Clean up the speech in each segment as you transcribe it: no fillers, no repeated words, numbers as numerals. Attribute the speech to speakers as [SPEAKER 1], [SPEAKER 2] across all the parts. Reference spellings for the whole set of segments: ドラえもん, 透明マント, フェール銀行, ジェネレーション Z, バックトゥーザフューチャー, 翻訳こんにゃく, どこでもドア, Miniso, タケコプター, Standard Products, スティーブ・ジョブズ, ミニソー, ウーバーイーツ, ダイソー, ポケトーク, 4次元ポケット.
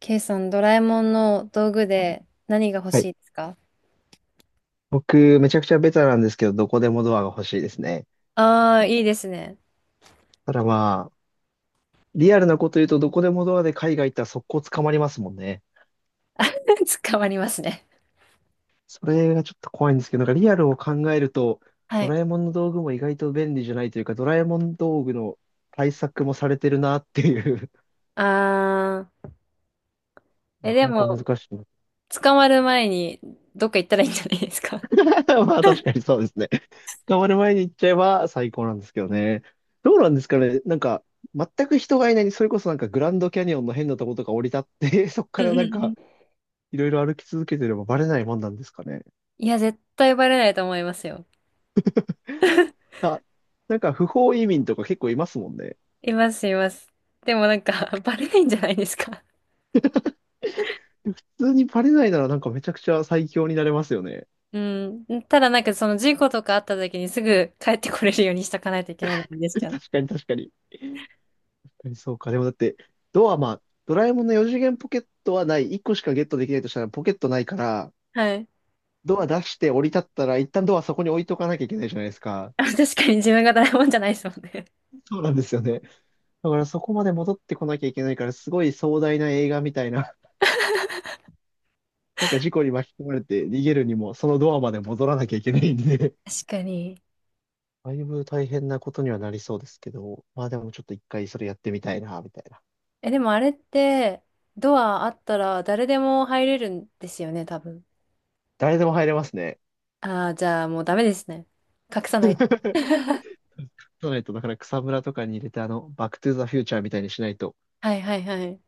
[SPEAKER 1] K さん、ドラえもんの道具で何が欲
[SPEAKER 2] はい、
[SPEAKER 1] しいですか？
[SPEAKER 2] 僕、めちゃくちゃベタなんですけど、どこでもドアが欲しいですね。
[SPEAKER 1] ああー、いいですね。
[SPEAKER 2] ただまあ、リアルなこと言うと、どこでもドアで海外行ったら速攻捕まりますもんね。
[SPEAKER 1] あ、 捕まりますね。
[SPEAKER 2] それがちょっと怖いんですけど、なんかリアルを考えると、
[SPEAKER 1] は
[SPEAKER 2] ド
[SPEAKER 1] い。
[SPEAKER 2] ラえもんの道具も意外と便利じゃないというか、ドラえもん道具の対策もされてるなっていう、
[SPEAKER 1] ああ、え、
[SPEAKER 2] なか
[SPEAKER 1] で
[SPEAKER 2] な
[SPEAKER 1] も、
[SPEAKER 2] か難しいな。
[SPEAKER 1] 捕まる前にどっか行ったらいいんじゃないですか。
[SPEAKER 2] まあ確かにそうですね。捕まる前に行っちゃえば最高なんですけどね。どうなんですかね。なんか、全く人がいない、それこそなんかグランドキャニオンの変なとことか降り立って、そこか
[SPEAKER 1] う
[SPEAKER 2] ら
[SPEAKER 1] ん
[SPEAKER 2] な
[SPEAKER 1] う
[SPEAKER 2] ん
[SPEAKER 1] んうん。
[SPEAKER 2] か、いろいろ歩き続けてればバレないもんなんですかね。
[SPEAKER 1] いや、絶対バレないと思いますよ。
[SPEAKER 2] あ、なんか不法移民とか結構いますもんね。
[SPEAKER 1] います、います。でもなんか、バレないんじゃないですか。
[SPEAKER 2] 普通にバレないならなんかめちゃくちゃ最強になれますよね。
[SPEAKER 1] うん。ただなんか、その事故とかあった時にすぐ帰ってこれるようにしとかないといけないのがいいんですけ ど。
[SPEAKER 2] 確かに確かに。確かにそうか。でもだって、ドアまあ、ドラえもんの4次元ポケットはない。1個しかゲットできないとしたらポケットないから、
[SPEAKER 1] はい。
[SPEAKER 2] ドア出して降り立ったら一旦ドアそこに置いとかなきゃいけないじゃないですか。
[SPEAKER 1] あ、確かに自分がドラえもんじゃないですもんね。
[SPEAKER 2] そうなんですよね。だからそこまで戻ってこなきゃいけないから、すごい壮大な映画みたいな。なんか事故に巻き込まれて逃げるにも、そのドアまで戻らなきゃいけないんで、
[SPEAKER 1] 確かに。
[SPEAKER 2] だいぶ大変なことにはなりそうですけど、まあでもちょっと一回それやってみたいな、みたいな。
[SPEAKER 1] え、でもあれって、ドアあったら誰でも入れるんですよね、多分。
[SPEAKER 2] 誰でも入れますね。
[SPEAKER 1] ああ、じゃあもうダメですね。隠さないと。
[SPEAKER 2] そうないと、だから草むらとかに入れて、バックトゥーザフューチャーみたいにしないと、
[SPEAKER 1] はいはいはい。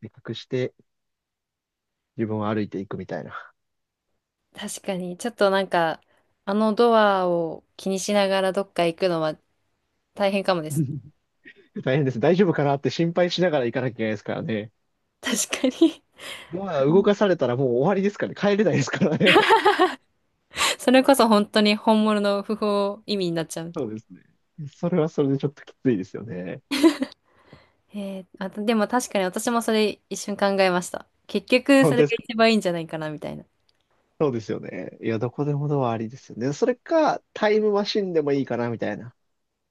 [SPEAKER 2] 隠して自分を歩いていくみたいな。
[SPEAKER 1] 確かに、ちょっとなんか、あのドアを気にしながらどっか行くのは大変かもです。
[SPEAKER 2] 大変です。大丈夫かなって心配しながら行かなきゃいけないですからね。
[SPEAKER 1] 確かに。
[SPEAKER 2] ドア
[SPEAKER 1] う
[SPEAKER 2] 動
[SPEAKER 1] ん。
[SPEAKER 2] かされたらもう終わりですからね。帰れないですからね。
[SPEAKER 1] それこそ本当に本物の不法移民になっちゃう。
[SPEAKER 2] そうですね。それはそれでちょっときついですよね。
[SPEAKER 1] えー、あと、でも確かに私もそれ一瞬考えました。結局
[SPEAKER 2] 本
[SPEAKER 1] そ
[SPEAKER 2] 当
[SPEAKER 1] れ
[SPEAKER 2] です
[SPEAKER 1] が
[SPEAKER 2] か？
[SPEAKER 1] 一番いいんじゃないかな、みたいな。
[SPEAKER 2] そうですよね。いや、どこでもドアありですよね。それか、タイムマシンでもいいかな、みたいな。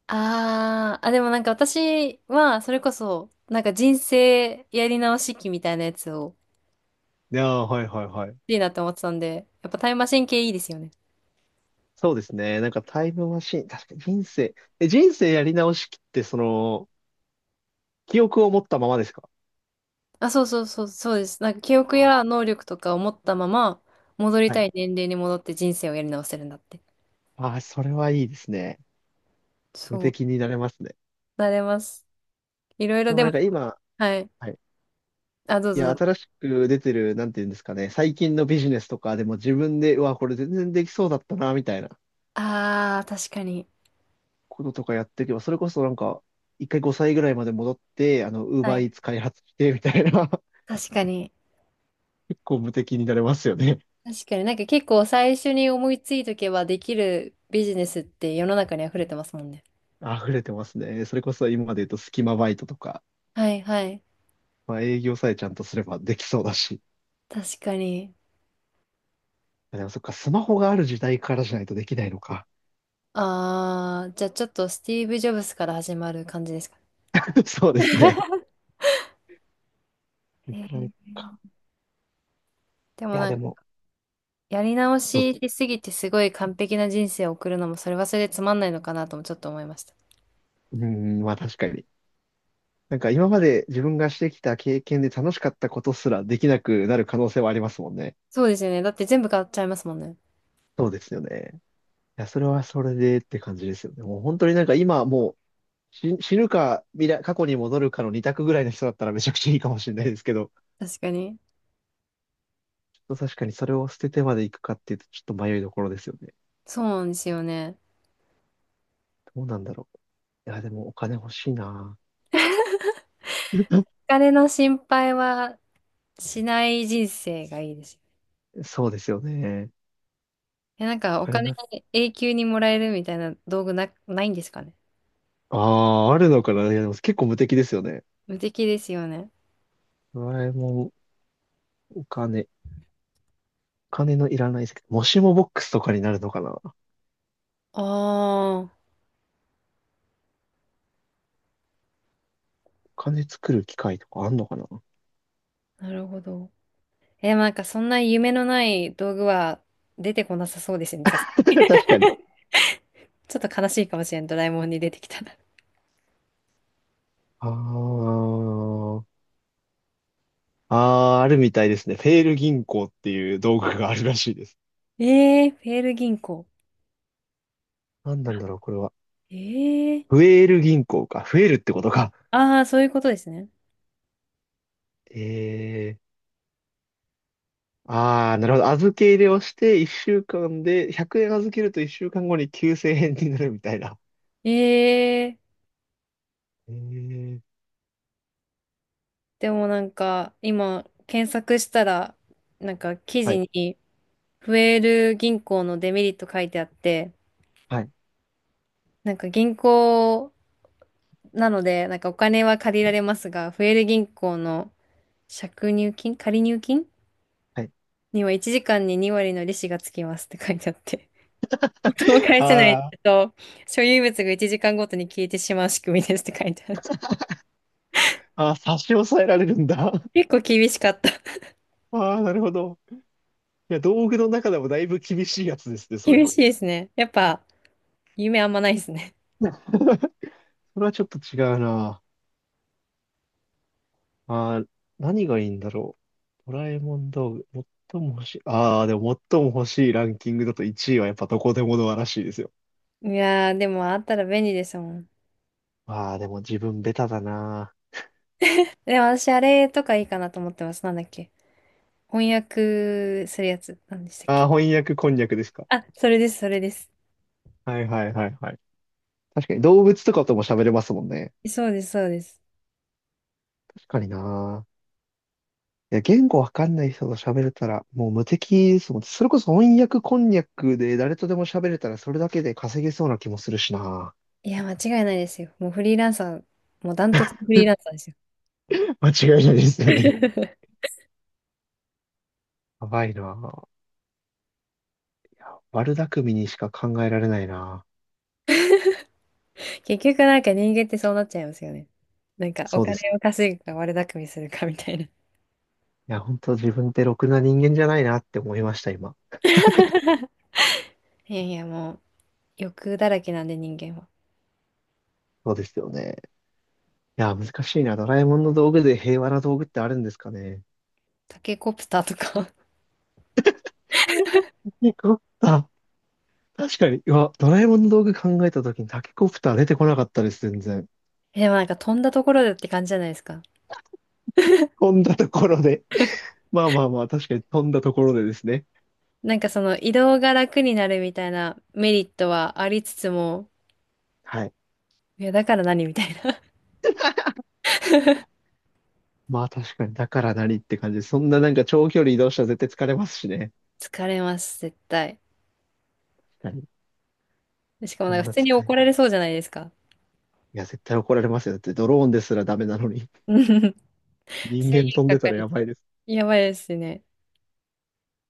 [SPEAKER 1] あー、あ、でもなんか私は、それこそ、なんか人生やり直し期みたいなやつを、
[SPEAKER 2] いやー、はいはいはい。
[SPEAKER 1] いいなって思ってたんで、やっぱタイムマシン系いいですよね。
[SPEAKER 2] そうですね。なんかタイムマシン、確かに人生やり直しって、その、記憶を持ったままですか？
[SPEAKER 1] あ、そうそうそう、そうです。なんか記憶
[SPEAKER 2] あ
[SPEAKER 1] や能力とかを持ったまま、戻
[SPEAKER 2] ー
[SPEAKER 1] り
[SPEAKER 2] は
[SPEAKER 1] た
[SPEAKER 2] い。
[SPEAKER 1] い年齢に戻って人生をやり直せるんだって。
[SPEAKER 2] ああ、それはいいですね。無
[SPEAKER 1] そう、
[SPEAKER 2] 敵になれますね。
[SPEAKER 1] なれます。いろいろ
[SPEAKER 2] でも
[SPEAKER 1] で
[SPEAKER 2] な
[SPEAKER 1] も、
[SPEAKER 2] んか今、
[SPEAKER 1] はい。
[SPEAKER 2] はい。
[SPEAKER 1] あ、どう
[SPEAKER 2] い
[SPEAKER 1] ぞ
[SPEAKER 2] や、
[SPEAKER 1] どうぞ。
[SPEAKER 2] 新しく出てる、なんていうんですかね。最近のビジネスとかでも自分で、うわ、これ全然できそうだったな、みたいな
[SPEAKER 1] ああ、確かに。
[SPEAKER 2] こととかやっていけば、それこそなんか、一回5歳ぐらいまで戻って、ウー
[SPEAKER 1] は
[SPEAKER 2] バーイ
[SPEAKER 1] い。
[SPEAKER 2] ーツ開発して、みたいな。
[SPEAKER 1] 確かに。
[SPEAKER 2] 結構無敵になれますよね。
[SPEAKER 1] 確かになんか結構最初に思いついとけばできるビジネスって世の中に溢れてますもんね。
[SPEAKER 2] 溢れてますね。それこそ今まで言うと隙間バイトとか、
[SPEAKER 1] はいはい。
[SPEAKER 2] まあ営業さえちゃんとすればできそうだし。
[SPEAKER 1] 確かに。
[SPEAKER 2] あ、でもそっか、スマホがある時代からじゃないとできないのか。
[SPEAKER 1] ああ、じゃあちょっとスティーブ・ジョブズから始まる感じですか
[SPEAKER 2] そうですね。い
[SPEAKER 1] ね。
[SPEAKER 2] くらいか。
[SPEAKER 1] で
[SPEAKER 2] い
[SPEAKER 1] も
[SPEAKER 2] や、
[SPEAKER 1] なん
[SPEAKER 2] で
[SPEAKER 1] か、
[SPEAKER 2] も、
[SPEAKER 1] やり直
[SPEAKER 2] どう
[SPEAKER 1] ししすぎてすごい完璧な人生を送るのも、それはそれでつまんないのかなともちょっと思いました。
[SPEAKER 2] うーん、まあ確かに。なんか今まで自分がしてきた経験で楽しかったことすらできなくなる可能性はありますもんね。
[SPEAKER 1] そうですよね。だって全部買っちゃいますもんね。
[SPEAKER 2] そうですよね。いや、それはそれでって感じですよね。もう本当になんか今もう、死ぬか未来、過去に戻るかの二択ぐらいの人だったらめちゃくちゃいいかもしれないですけど。
[SPEAKER 1] 確かに。
[SPEAKER 2] と確かにそれを捨ててまで行くかっていうと、ちょっと迷いどころですよね。
[SPEAKER 1] そうなんですよね。
[SPEAKER 2] どうなんだろう。いや、でもお金欲しいな。
[SPEAKER 1] お金の心配はしない人生がいいです。
[SPEAKER 2] そうですよね。
[SPEAKER 1] え、なんか
[SPEAKER 2] お
[SPEAKER 1] お
[SPEAKER 2] 金
[SPEAKER 1] 金
[SPEAKER 2] な、
[SPEAKER 1] 永久にもらえるみたいな道具な、ないんですかね。
[SPEAKER 2] ああ、あるのかな。いや、でも結構無敵ですよね。
[SPEAKER 1] 無敵ですよね。
[SPEAKER 2] ドラえもん、お金のいらない世界もしもボックスとかになるのかな。お
[SPEAKER 1] あ
[SPEAKER 2] 金作る機械とかあんのかな。
[SPEAKER 1] あ、なるほど。え、なんかそんな夢のない道具は出てこなさそうですね。さす、
[SPEAKER 2] 確かに。
[SPEAKER 1] ちょっと悲しいかもしれん、ドラえもんに出てきたら。
[SPEAKER 2] ああ、ああ、あるみたいですね。フェール銀行っていう道具があるらしいです。
[SPEAKER 1] えー、フェール銀行。
[SPEAKER 2] 何なんだろう、これは。
[SPEAKER 1] えー、
[SPEAKER 2] フエール銀行か。増えるってことか。
[SPEAKER 1] ああ、そういうことですね。
[SPEAKER 2] ええ、ああ、なるほど。預け入れをして1週間で100円預けると1週間後に9000円になるみたいな。
[SPEAKER 1] えー、
[SPEAKER 2] ええ。
[SPEAKER 1] でもなんか今検索したら、なんか記
[SPEAKER 2] は
[SPEAKER 1] 事
[SPEAKER 2] い。
[SPEAKER 1] にフェール銀行のデメリット書いてあって、
[SPEAKER 2] はい。
[SPEAKER 1] なんか銀行なので、なんかお金は借りられますが、フェール銀行の借入金、借入金
[SPEAKER 2] はい。
[SPEAKER 1] には1時間に2割の利子がつきますって書いてあって。そう返
[SPEAKER 2] あ
[SPEAKER 1] せない
[SPEAKER 2] ー、
[SPEAKER 1] と、所有物が1時間ごとに消えてしまう仕組みですって書いてある。
[SPEAKER 2] あー、差し押さえられるんだ。
[SPEAKER 1] 結構厳しかった。
[SPEAKER 2] ああ、なるほど。いや、道具の中でもだいぶ厳しいやつですね、それ。
[SPEAKER 1] 厳 しいですね。やっぱ、夢あんまないですね。
[SPEAKER 2] それはちょっと違うな。ああ、何がいいんだろう。ドラえもん道具。最も欲しい。ああ、でも最も欲しいランキングだと1位はやっぱどこでもドアらしいですよ。
[SPEAKER 1] いやー、でもあったら便利ですもん。
[SPEAKER 2] ああ、でも自分ベタだな。
[SPEAKER 1] でも私、あれとかいいかなと思ってます。なんだっけ。翻訳するやつ。なんでしたっ
[SPEAKER 2] ああ、
[SPEAKER 1] け。
[SPEAKER 2] 翻訳こんにゃくですか。
[SPEAKER 1] あ、それです、それです。
[SPEAKER 2] はいはいはいはい。確かに動物とかとも喋れますもんね。
[SPEAKER 1] そうです、そうです。
[SPEAKER 2] 確かにな。いや、言語わかんない人と喋れたらもう無敵ですもん。それこそ翻訳こんにゃくで誰とでも喋れたらそれだけで稼げそうな気もするしな。
[SPEAKER 1] いや、間違いないですよ。もうフリーランサー、もうダントツフリーランサーですよ。
[SPEAKER 2] 間違いないですよね。やばいな。悪巧みにしか考えられないな。
[SPEAKER 1] 結局なんか人間ってそうなっちゃいますよね。なんかお
[SPEAKER 2] そうで
[SPEAKER 1] 金
[SPEAKER 2] す。
[SPEAKER 1] を稼ぐか悪巧みするかみたいな。
[SPEAKER 2] いや、本当自分ってろくな人間じゃないなって思いました、今。
[SPEAKER 1] いやいや、もう欲だらけなんで人間は。
[SPEAKER 2] そうですよね。いや、難しいな。ドラえもんの道具で平和な道具ってあるんですかね。
[SPEAKER 1] タケコプターとか。
[SPEAKER 2] よかった。確かに、うわ、ドラえもんの道具考えたときにタケコプター出てこなかったです、全然。
[SPEAKER 1] え、でもなんか飛んだところでって感じじゃないですか。
[SPEAKER 2] 飛んだところで。まあまあまあ、確かに飛んだところでですね。
[SPEAKER 1] なんかその移動が楽になるみたいなメリットはありつつも、
[SPEAKER 2] はい。
[SPEAKER 1] いやだから何みたいな。
[SPEAKER 2] まあ確かに、だから何って感じで、そんななんか長距離移動したら絶対疲れますしね。
[SPEAKER 1] 疲れます、絶対。
[SPEAKER 2] 確かに。
[SPEAKER 1] しかも
[SPEAKER 2] そ
[SPEAKER 1] なん
[SPEAKER 2] ん
[SPEAKER 1] か普
[SPEAKER 2] な
[SPEAKER 1] 通に
[SPEAKER 2] 使い。い
[SPEAKER 1] 怒られそうじゃないですか。
[SPEAKER 2] や、絶対怒られますよ。だってドローンですらダメなのに。
[SPEAKER 1] うん。
[SPEAKER 2] 人
[SPEAKER 1] 制
[SPEAKER 2] 間飛ん
[SPEAKER 1] 限
[SPEAKER 2] で
[SPEAKER 1] か
[SPEAKER 2] た
[SPEAKER 1] か
[SPEAKER 2] ら
[SPEAKER 1] り
[SPEAKER 2] やば
[SPEAKER 1] そ
[SPEAKER 2] い
[SPEAKER 1] う。
[SPEAKER 2] です。
[SPEAKER 1] やばいですね。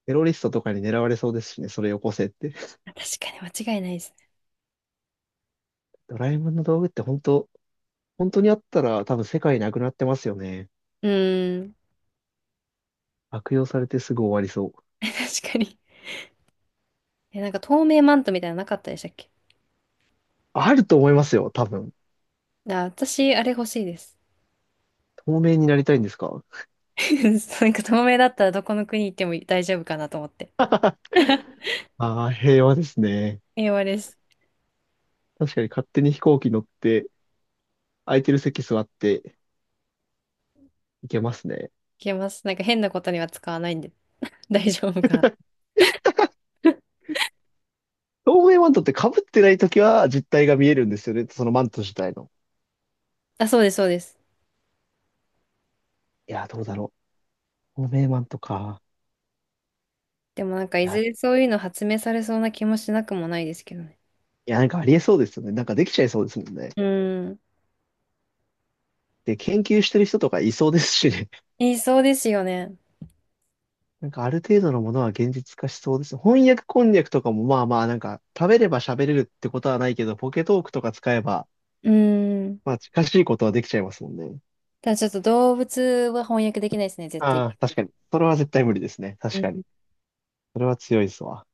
[SPEAKER 2] テロリストとかに狙われそうですしね、それよこせって。
[SPEAKER 1] 確かに間違いないですね。
[SPEAKER 2] ドラえもんの道具って本当、本当にあったら多分世界なくなってますよね。
[SPEAKER 1] うーん。
[SPEAKER 2] 悪用されてすぐ終わりそう。
[SPEAKER 1] 確かに。え、なんか透明マントみたいなのなかったでしたっけ？
[SPEAKER 2] あると思いますよ、多分。
[SPEAKER 1] あ、私、あれ欲しいです。
[SPEAKER 2] 透明になりたいんですか？
[SPEAKER 1] なんか透明だったらどこの国行っても大丈夫かなと思って。
[SPEAKER 2] ああー、平和ですね。
[SPEAKER 1] 英語です。
[SPEAKER 2] 確かに勝手に飛行機乗って、空いてる席座っていけますね。
[SPEAKER 1] いけます。なんか変なことには使わないんで、 大丈夫かな。
[SPEAKER 2] 透明マントって被ってないときは実体が見えるんですよね。そのマント自体の。
[SPEAKER 1] あ、そうです、そうです。
[SPEAKER 2] いや、どうだろう。透明マントか。
[SPEAKER 1] でもなんか
[SPEAKER 2] い
[SPEAKER 1] い
[SPEAKER 2] や、い
[SPEAKER 1] ずれそういうの発明されそうな気もしなくもないですけどね。
[SPEAKER 2] や、なんかありえそうですよね。なんかできちゃいそうですもんね。
[SPEAKER 1] うーん。
[SPEAKER 2] で、研究してる人とかいそうですしね。
[SPEAKER 1] 言いそうですよね。
[SPEAKER 2] なんかある程度のものは現実化しそうです。翻訳こんにゃくとかもまあまあなんか食べれば喋れるってことはないけど、ポケトークとか使えば、
[SPEAKER 1] うーん。
[SPEAKER 2] まあ近しいことはできちゃいますもんね。
[SPEAKER 1] ただちょっと動物は翻訳できないですね、絶対。
[SPEAKER 2] ああ、確かに。それは絶対無理ですね。確かに。それは強いですわ。